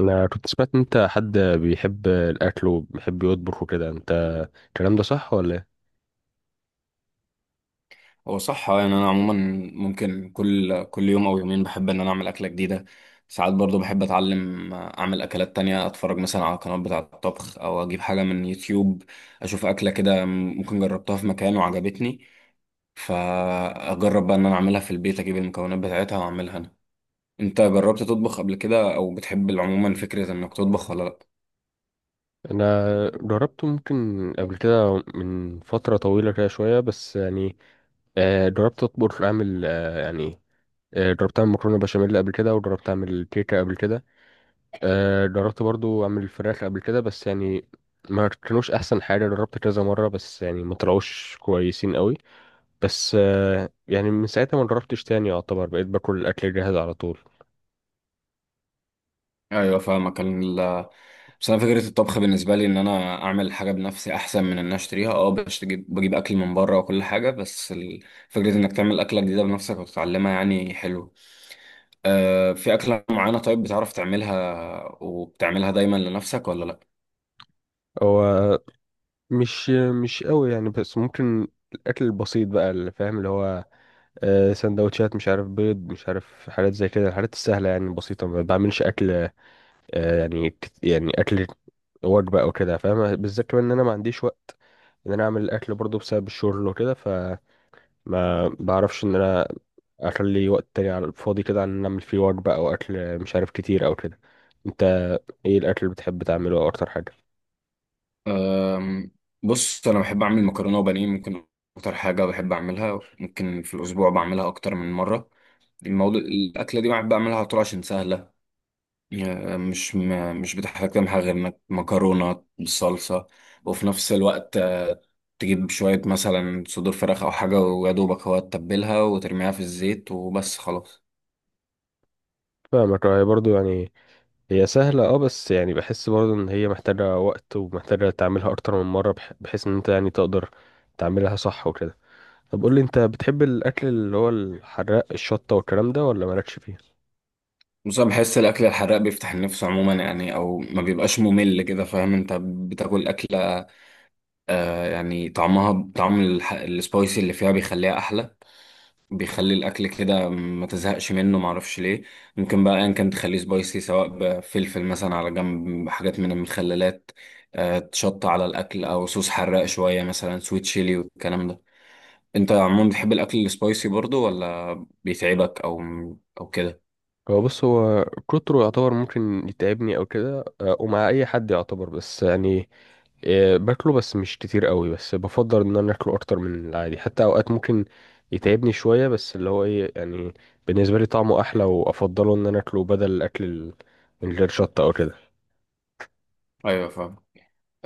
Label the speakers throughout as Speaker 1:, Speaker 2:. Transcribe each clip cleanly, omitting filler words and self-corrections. Speaker 1: انا كنت سمعت ان انت حد بيحب الاكل وبيحب يطبخ وكده، انت الكلام ده صح ولا ايه؟
Speaker 2: هو صح آه، يعني انا عموما ممكن كل يوم او يومين بحب ان انا اعمل اكله جديده. ساعات برضو بحب اتعلم، اعمل اكلات تانية، اتفرج مثلا على قنوات بتاعه الطبخ او اجيب حاجه من يوتيوب، اشوف اكله كده ممكن جربتها في مكان وعجبتني، فاجرب بقى ان انا اعملها في البيت، اجيب المكونات بتاعتها واعملها انا. انت جربت تطبخ قبل كده او بتحب عموما فكره انك تطبخ ولا لا؟
Speaker 1: انا جربت ممكن قبل كده من فتره طويله كده شويه، بس يعني جربت اطبخ اعمل جربت اعمل مكرونه بشاميل قبل كده، وجربت اعمل كيكه قبل كده. جربت برضو اعمل فراخ قبل كده، بس يعني ما كانوش احسن حاجه. جربت كذا مره بس يعني ما طلعوش كويسين قوي. بس يعني من ساعتها ما جربتش تاني، يعتبر بقيت باكل الاكل الجاهز على طول.
Speaker 2: ايوه فاهمك. بس انا فكره الطبخ بالنسبه لي ان انا اعمل حاجه بنفسي احسن من ان أنا اشتريها، بجيب اكل من بره وكل حاجه، بس فكره انك تعمل اكله جديده بنفسك وتتعلمها يعني حلو. آه، في اكله معينه طيب بتعرف تعملها وبتعملها دايما لنفسك ولا لا؟
Speaker 1: هو مش مش قوي يعني، بس ممكن الاكل البسيط بقى اللي فاهم، اللي هو سندوتشات، مش عارف، بيض، مش عارف، حاجات زي كده، الحاجات السهله يعني البسيطه، ما بعملش اكل آه، يعني كت- يعني اكل وجبه او كده، فاهم؟ بالذات كمان ان انا ما عنديش وقت ان انا اعمل الاكل برضه بسبب الشغل وكده، فما بعرفش ان انا اخلي وقت تاني على الفاضي كده عن ان اعمل فيه وجبه او اكل، مش عارف، كتير او كده. انت ايه الاكل اللي بتحب تعمله او اكتر حاجه؟
Speaker 2: أم، بص انا بحب اعمل مكرونه وبانيه، ممكن اكتر حاجه بحب اعملها، ممكن في الاسبوع بعملها اكتر من مره. الموضوع الاكله دي بحب اعملها على طول عشان سهله، مش بتحتاج تمحى غير انك مكرونه بالصلصه، وفي نفس الوقت تجيب شويه مثلا صدور فراخ او حاجه ويا دوبك هو تتبلها وترميها في الزيت وبس خلاص.
Speaker 1: فاهمك. هي برضه يعني هي سهلة اه، بس يعني بحس برضه ان هي محتاجة وقت ومحتاجة تعملها اكتر من مرة بحيث ان انت يعني تقدر تعملها صح وكده. طب قولي انت، بتحب الاكل اللي هو الحراق، الشطة والكلام ده، ولا مالكش فيه؟
Speaker 2: بس انا بحس الاكل الحراق بيفتح النفس عموما، يعني او ما بيبقاش ممل كده، فاهم؟ انت بتاكل اكله، آه يعني طعمها طعم السبايسي اللي فيها بيخليها احلى، بيخلي الاكل كده ما تزهقش منه، معرفش ليه. ممكن بقى ان كان تخليه سبايسي سواء بفلفل مثلا، على جنب حاجات من المخللات، تشط على الاكل او صوص حراق شويه مثلا سويت شيلي والكلام ده. انت عموما بتحب الاكل السبايسي برضو ولا بيتعبك او او كده؟
Speaker 1: هو كتره يعتبر ممكن يتعبني او كده، ومع اي حد يعتبر، بس يعني باكله بس مش كتير قوي. بس بفضل ان انا اكله اكتر من العادي، حتى اوقات ممكن يتعبني شوية. بس اللي هو ايه يعني، بالنسبة لي طعمه احلى، وافضله ان انا اكله بدل الاكل من غير شطة او كده.
Speaker 2: ايوه فاهم.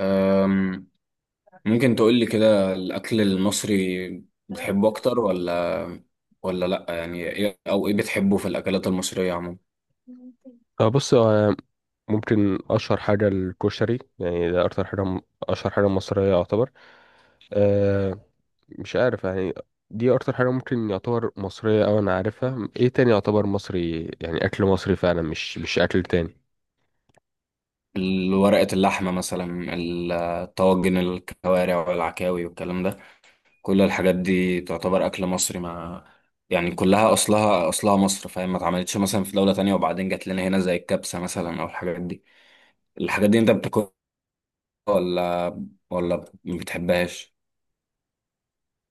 Speaker 2: أم، ممكن تقولي كده الاكل المصري بتحبه اكتر ولا ولا لا؟ يعني ايه او ايه بتحبه في الاكلات المصريه عموما؟
Speaker 1: آه، بص آه، ممكن اشهر حاجه الكشري يعني. ده اكتر حاجه اشهر حاجه مصريه يعتبر. أه، مش عارف يعني، دي اكتر حاجه ممكن يعتبر مصريه او انا عارفها. ايه تاني يعتبر مصري يعني، اكل مصري فعلا، مش اكل تاني؟
Speaker 2: ورقة اللحمة مثلا، الطواجن، الكوارع والعكاوي والكلام ده، كل الحاجات دي تعتبر أكل مصري، ما يعني كلها أصلها أصلها مصر، فاهم؟ ما اتعملتش مثلا في دولة تانية وبعدين جات لنا هنا زي الكبسة مثلا أو الحاجات دي. الحاجات دي أنت بتاكلها ولا ولا ما بتحبهاش؟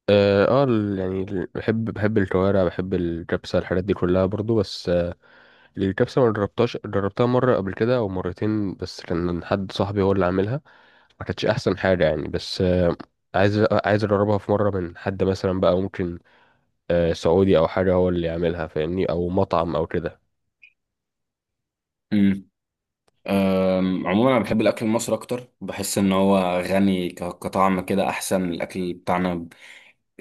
Speaker 1: اه، بحب الكوارع، بحب الكبسه، الحاجات دي كلها برضو. بس الكبسه ما جربتهاش. جربتها مره قبل كده او مرتين، بس كان حد صاحبي هو اللي عاملها، ما كانتش احسن حاجه يعني. بس عايز اجربها في مره من حد مثلا بقى ممكن سعودي او حاجه، هو اللي يعملها، فاهمني، او مطعم او كده.
Speaker 2: امم، عموما انا بحب الاكل المصري اكتر، بحس ان هو غني كطعم كده، احسن الاكل بتاعنا،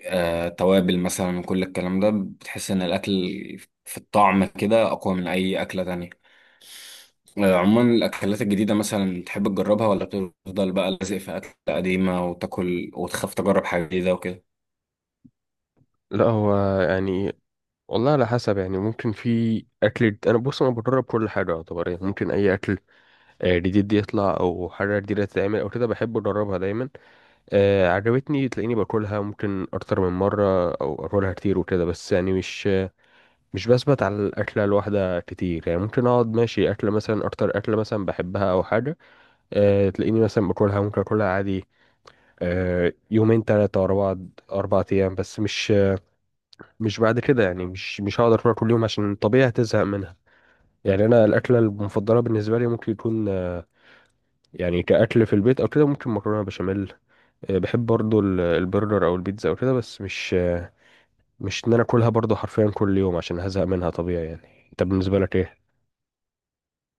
Speaker 2: آه، توابل مثلا وكل الكلام ده، بتحس ان الاكل في الطعم كده اقوى من اي اكله تانية. آه، عموما الاكلات الجديده مثلا تحب تجربها ولا تفضل بقى لازق في اكل قديمه وتاكل وتخاف تجرب حاجه جديده وكده؟
Speaker 1: لا هو يعني والله على حسب يعني. ممكن في اكل، انا بص، انا بجرب كل حاجه يعتبر يعني. ممكن اي اكل جديد يطلع او حاجه جديده تتعمل او كده، بحب اجربها دايما. عجبتني تلاقيني باكلها ممكن اكتر من مره او اكلها كتير وكده. بس يعني مش بثبت على الاكله الواحده كتير يعني. ممكن اقعد ماشي اكله مثلا، اكتر اكله مثلا بحبها او حاجه، تلاقيني مثلا باكلها، ممكن اكلها عادي يومين ثلاثة أربعة، أربع أيام، بس مش بعد كده يعني. مش هقدر أكلها كل يوم، عشان طبيعي هتزهق منها يعني. أنا الأكلة المفضلة بالنسبة لي ممكن يكون كأكل في البيت أو كده ممكن مكرونة بشاميل. بحب برضو البرجر أو البيتزا أو كده. بس مش إن أنا أكلها برضو حرفيا كل يوم، عشان هزهق منها طبيعي يعني. أنت بالنسبة لك إيه؟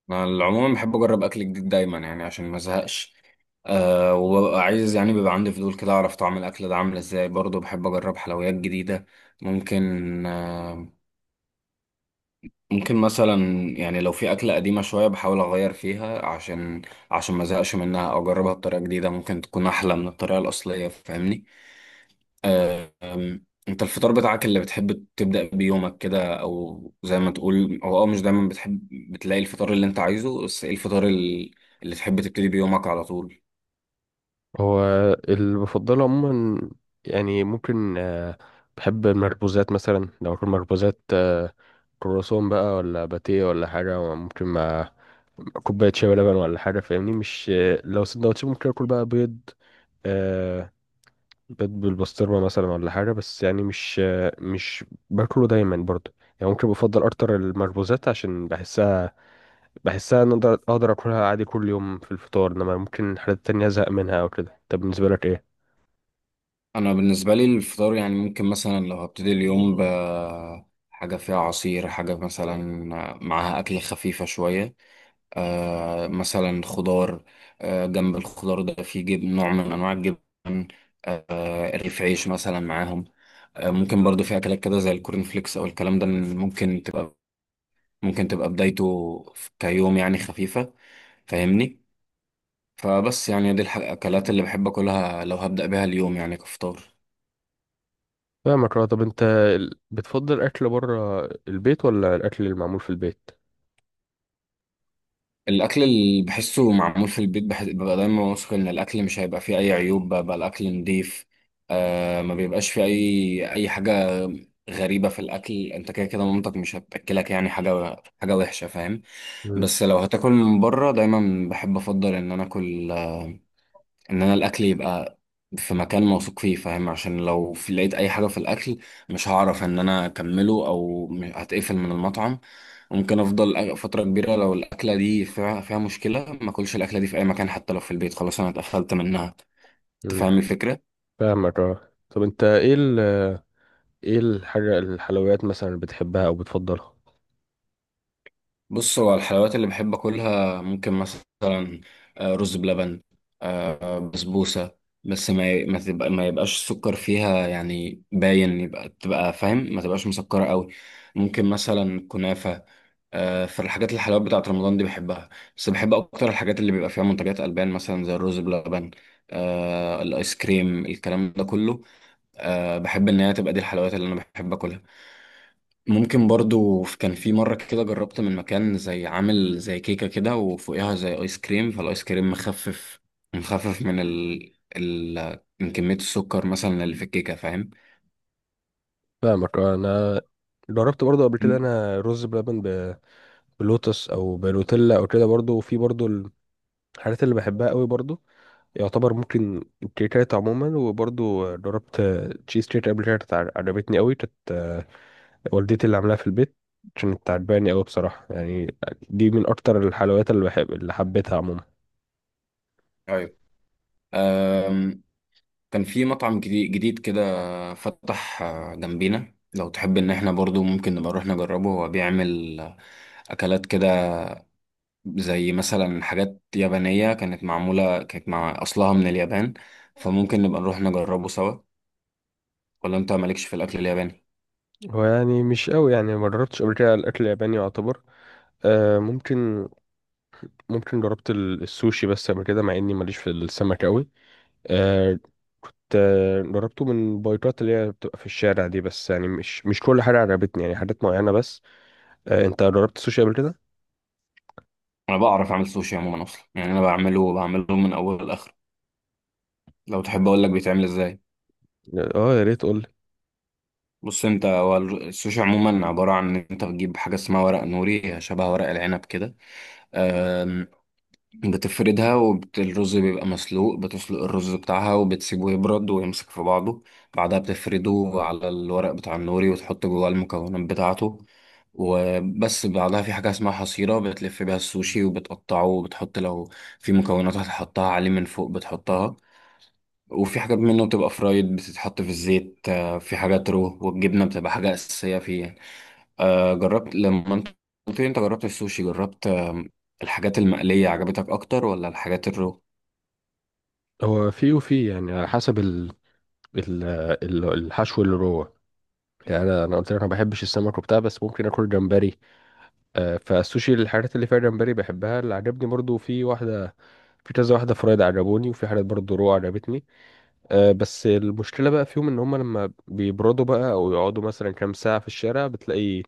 Speaker 2: انا العموم بحب اجرب اكل جديد دايما يعني عشان ما ازهقش، أه وببقى عايز، يعني بيبقى عندي فضول كده اعرف طعم الاكل ده عامل ازاي، برضه بحب اجرب حلويات جديده. ممكن آه، ممكن مثلا، يعني لو في أكلة قديمة شوية بحاول أغير فيها عشان عشان ما أزهقش منها، أو أجربها بطريقة جديدة ممكن تكون أحلى من الطريقة الأصلية، فاهمني؟ أه، أم، أنت الفطار بتاعك اللي بتحب تبدأ بيومك كده، أو زي ما تقول هو أه مش دايما بتحب بتلاقي الفطار اللي أنت عايزه، بس إيه الفطار اللي تحب تبتدي بيومك على طول؟
Speaker 1: هو اللي بفضله عموما يعني، ممكن بحب المخبوزات مثلا، لو اكل مخبوزات كرواسون بقى، ولا باتيه، ولا حاجة، ممكن مع كوباية شاي ولبن ولا حاجة، فاهمني. مش آه، لو سندوتش ممكن اكل بقى بيض، آه، بيض بالبسطرمة مثلا، ولا حاجة. بس يعني مش باكله دايما برضه يعني. ممكن بفضل اكتر المخبوزات، عشان بحسها ان اقدر اكلها عادي كل يوم في الفطار، انما ممكن حاجات تانية ازهق منها او كده. طب بالنسبة لك ايه؟
Speaker 2: أنا بالنسبة لي الفطار يعني، ممكن مثلا لو هبتدي اليوم ب حاجة فيها عصير، حاجة مثلا معاها أكل خفيفة شوية، آه مثلا خضار، آه جنب الخضار ده في جبن، نوع من انواع الجبن، آه رغيف عيش مثلا معاهم، آه ممكن برضو في اكلات كده زي الكورن فليكس او الكلام ده، ممكن تبقى ممكن تبقى بدايته كيوم يعني خفيفة، فاهمني؟ فبس يعني دي الاكلات اللي بحب اكلها لو هبدأ بيها اليوم يعني كفطار.
Speaker 1: فاهمك اه. طب انت بتفضل اكل بره البيت ولا الاكل المعمول في البيت؟
Speaker 2: الاكل اللي بحسه معمول في البيت بحس ببقى دايما واثق ان الاكل مش هيبقى فيه اي عيوب، بقى الاكل نضيف، آه ما بيبقاش فيه اي حاجه غريبه في الاكل، انت كده كده مامتك مش هتاكلك يعني حاجه حاجه وحشه، فاهم؟
Speaker 1: مم.
Speaker 2: بس لو هتاكل من بره دايما بحب افضل ان انا اكل، ان انا الاكل يبقى في مكان موثوق فيه، فاهم؟ عشان لو في لقيت اي حاجه في الاكل مش هعرف ان انا اكمله او هتقفل من المطعم. ممكن افضل فتره كبيره لو الاكله دي فيها مشكله ما اكلش الاكله دي في اي مكان، حتى لو في البيت، خلاص انا اتقفلت منها.
Speaker 1: امم.
Speaker 2: تفهم الفكره؟
Speaker 1: فاهمك اه. طب انت ايه ايه الحاجه الحلويات مثلا اللي بتحبها او بتفضلها؟
Speaker 2: بص هو الحلويات اللي بحب اكلها، ممكن مثلا رز بلبن، بسبوسه، بس ما يبقاش السكر فيها يعني باين، تبقى فاهم ما تبقاش مسكره قوي. ممكن مثلا كنافه، فالحاجات الحلويات بتاعت رمضان دي بحبها، بس بحب اكتر الحاجات اللي بيبقى فيها منتجات البان مثلا زي الرز بلبن، الايس كريم الكلام ده كله، آه، بحب ان هي تبقى دي الحلويات اللي انا بحب اكلها. ممكن برضو كان في مرة كده جربت من مكان زي عامل زي كيكة كده وفوقها زي آيس كريم، فالآيس كريم مخفف مخفف من من كمية السكر مثلا اللي في الكيكة، فاهم؟
Speaker 1: فاهمك اه. انا جربت برضو قبل كده
Speaker 2: مم.
Speaker 1: انا رز بلبن بلوتس او بنوتيلا او كده برضو. وفي برضو الحاجات اللي بحبها قوي برضو، يعتبر ممكن الكيكات عموما. وبرضو جربت تشيز كيك قبل كده، كانت عجبتني قوي. كانت والدتي اللي عاملاها في البيت، عشان بتعجباني قوي بصراحة يعني. دي من أكتر الحلويات اللي بحب، اللي حبيتها عموما.
Speaker 2: أيوة. أم... كان في مطعم جديد كده فتح، جنبينا، لو تحب إن احنا برضو ممكن نبقى نروح نجربه، هو بيعمل أكلات كده زي مثلا حاجات يابانية، كانت معمولة كانت مع أصلها من اليابان، فممكن نبقى نروح نجربه سوا، ولا انت مالكش في الاكل الياباني؟
Speaker 1: هو يعني مش قوي يعني، ما جربتش قبل كده الأكل الياباني يعتبر. آه ممكن، جربت السوشي بس قبل كده، مع إني ماليش في السمك قوي. آه، جربته من بايكات اللي هي بتبقى في الشارع دي، بس يعني مش كل حاجة عجبتني يعني، حاجات معينة بس. آه، أنت جربت السوشي قبل كده؟
Speaker 2: انا بعرف اعمل سوشي عموما اصلا، يعني انا بعمله بعمله من اول لاخر. لو تحب اقول لك بيتعمل ازاي؟
Speaker 1: اه يا ريت قول.
Speaker 2: بص انت، هو السوشي عموما عباره عن ان انت بتجيب حاجه اسمها ورق نوري، شبه ورق العنب كده، بتفردها، والرز بيبقى مسلوق، بتسلق الرز بتاعها وبتسيبه يبرد ويمسك في بعضه، بعدها بتفرده على الورق بتاع النوري وتحط جواه المكونات بتاعته وبس. بعدها في حاجة اسمها حصيرة بتلف بيها السوشي وبتقطعه، وبتحط لو في مكونات هتحطها عليه من فوق بتحطها، وفي حاجات منه بتبقى فرايد بتتحط في الزيت، آه، في حاجات رو، والجبنة بتبقى حاجة أساسية فيه. آه، جربت لما انت قلت لي انت جربت السوشي، جربت آه الحاجات المقلية عجبتك اكتر ولا الحاجات الرو؟
Speaker 1: هو في، وفي يعني على حسب ال- الحشو اللي جوه يعني. انا قلت لك ما بحبش السمك وبتاع، بس ممكن اكل جمبري. فالسوشي الحاجات اللي فيها جمبري بحبها. اللي عجبني برضو في واحده، في كذا واحده فرايد عجبوني، وفي حاجات برضو رو عجبتني. بس المشكله بقى فيهم ان هم لما بيبردوا بقى او يقعدوا مثلا كام ساعه في الشارع، بتلاقي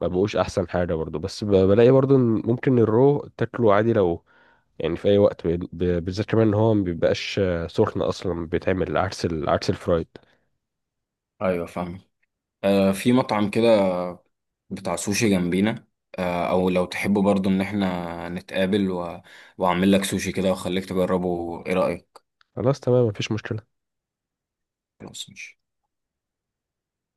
Speaker 1: ما بقوش احسن حاجه برضو. بس بلاقي برضو ان ممكن الرو تاكله عادي لو يعني في اي وقت، بالذات كمان ان هو ما بيبقاش سخن اصلا، بيتعمل عكس عكس الفرايد.
Speaker 2: ايوه فاهم. آه في مطعم كده بتاع سوشي جنبينا، آه او لو تحبوا برضو ان احنا نتقابل و... واعمل لك سوشي كده واخليك تجربه، ايه رأيك؟
Speaker 1: خلاص تمام، مفيش مشكله.
Speaker 2: خلاص ماشي.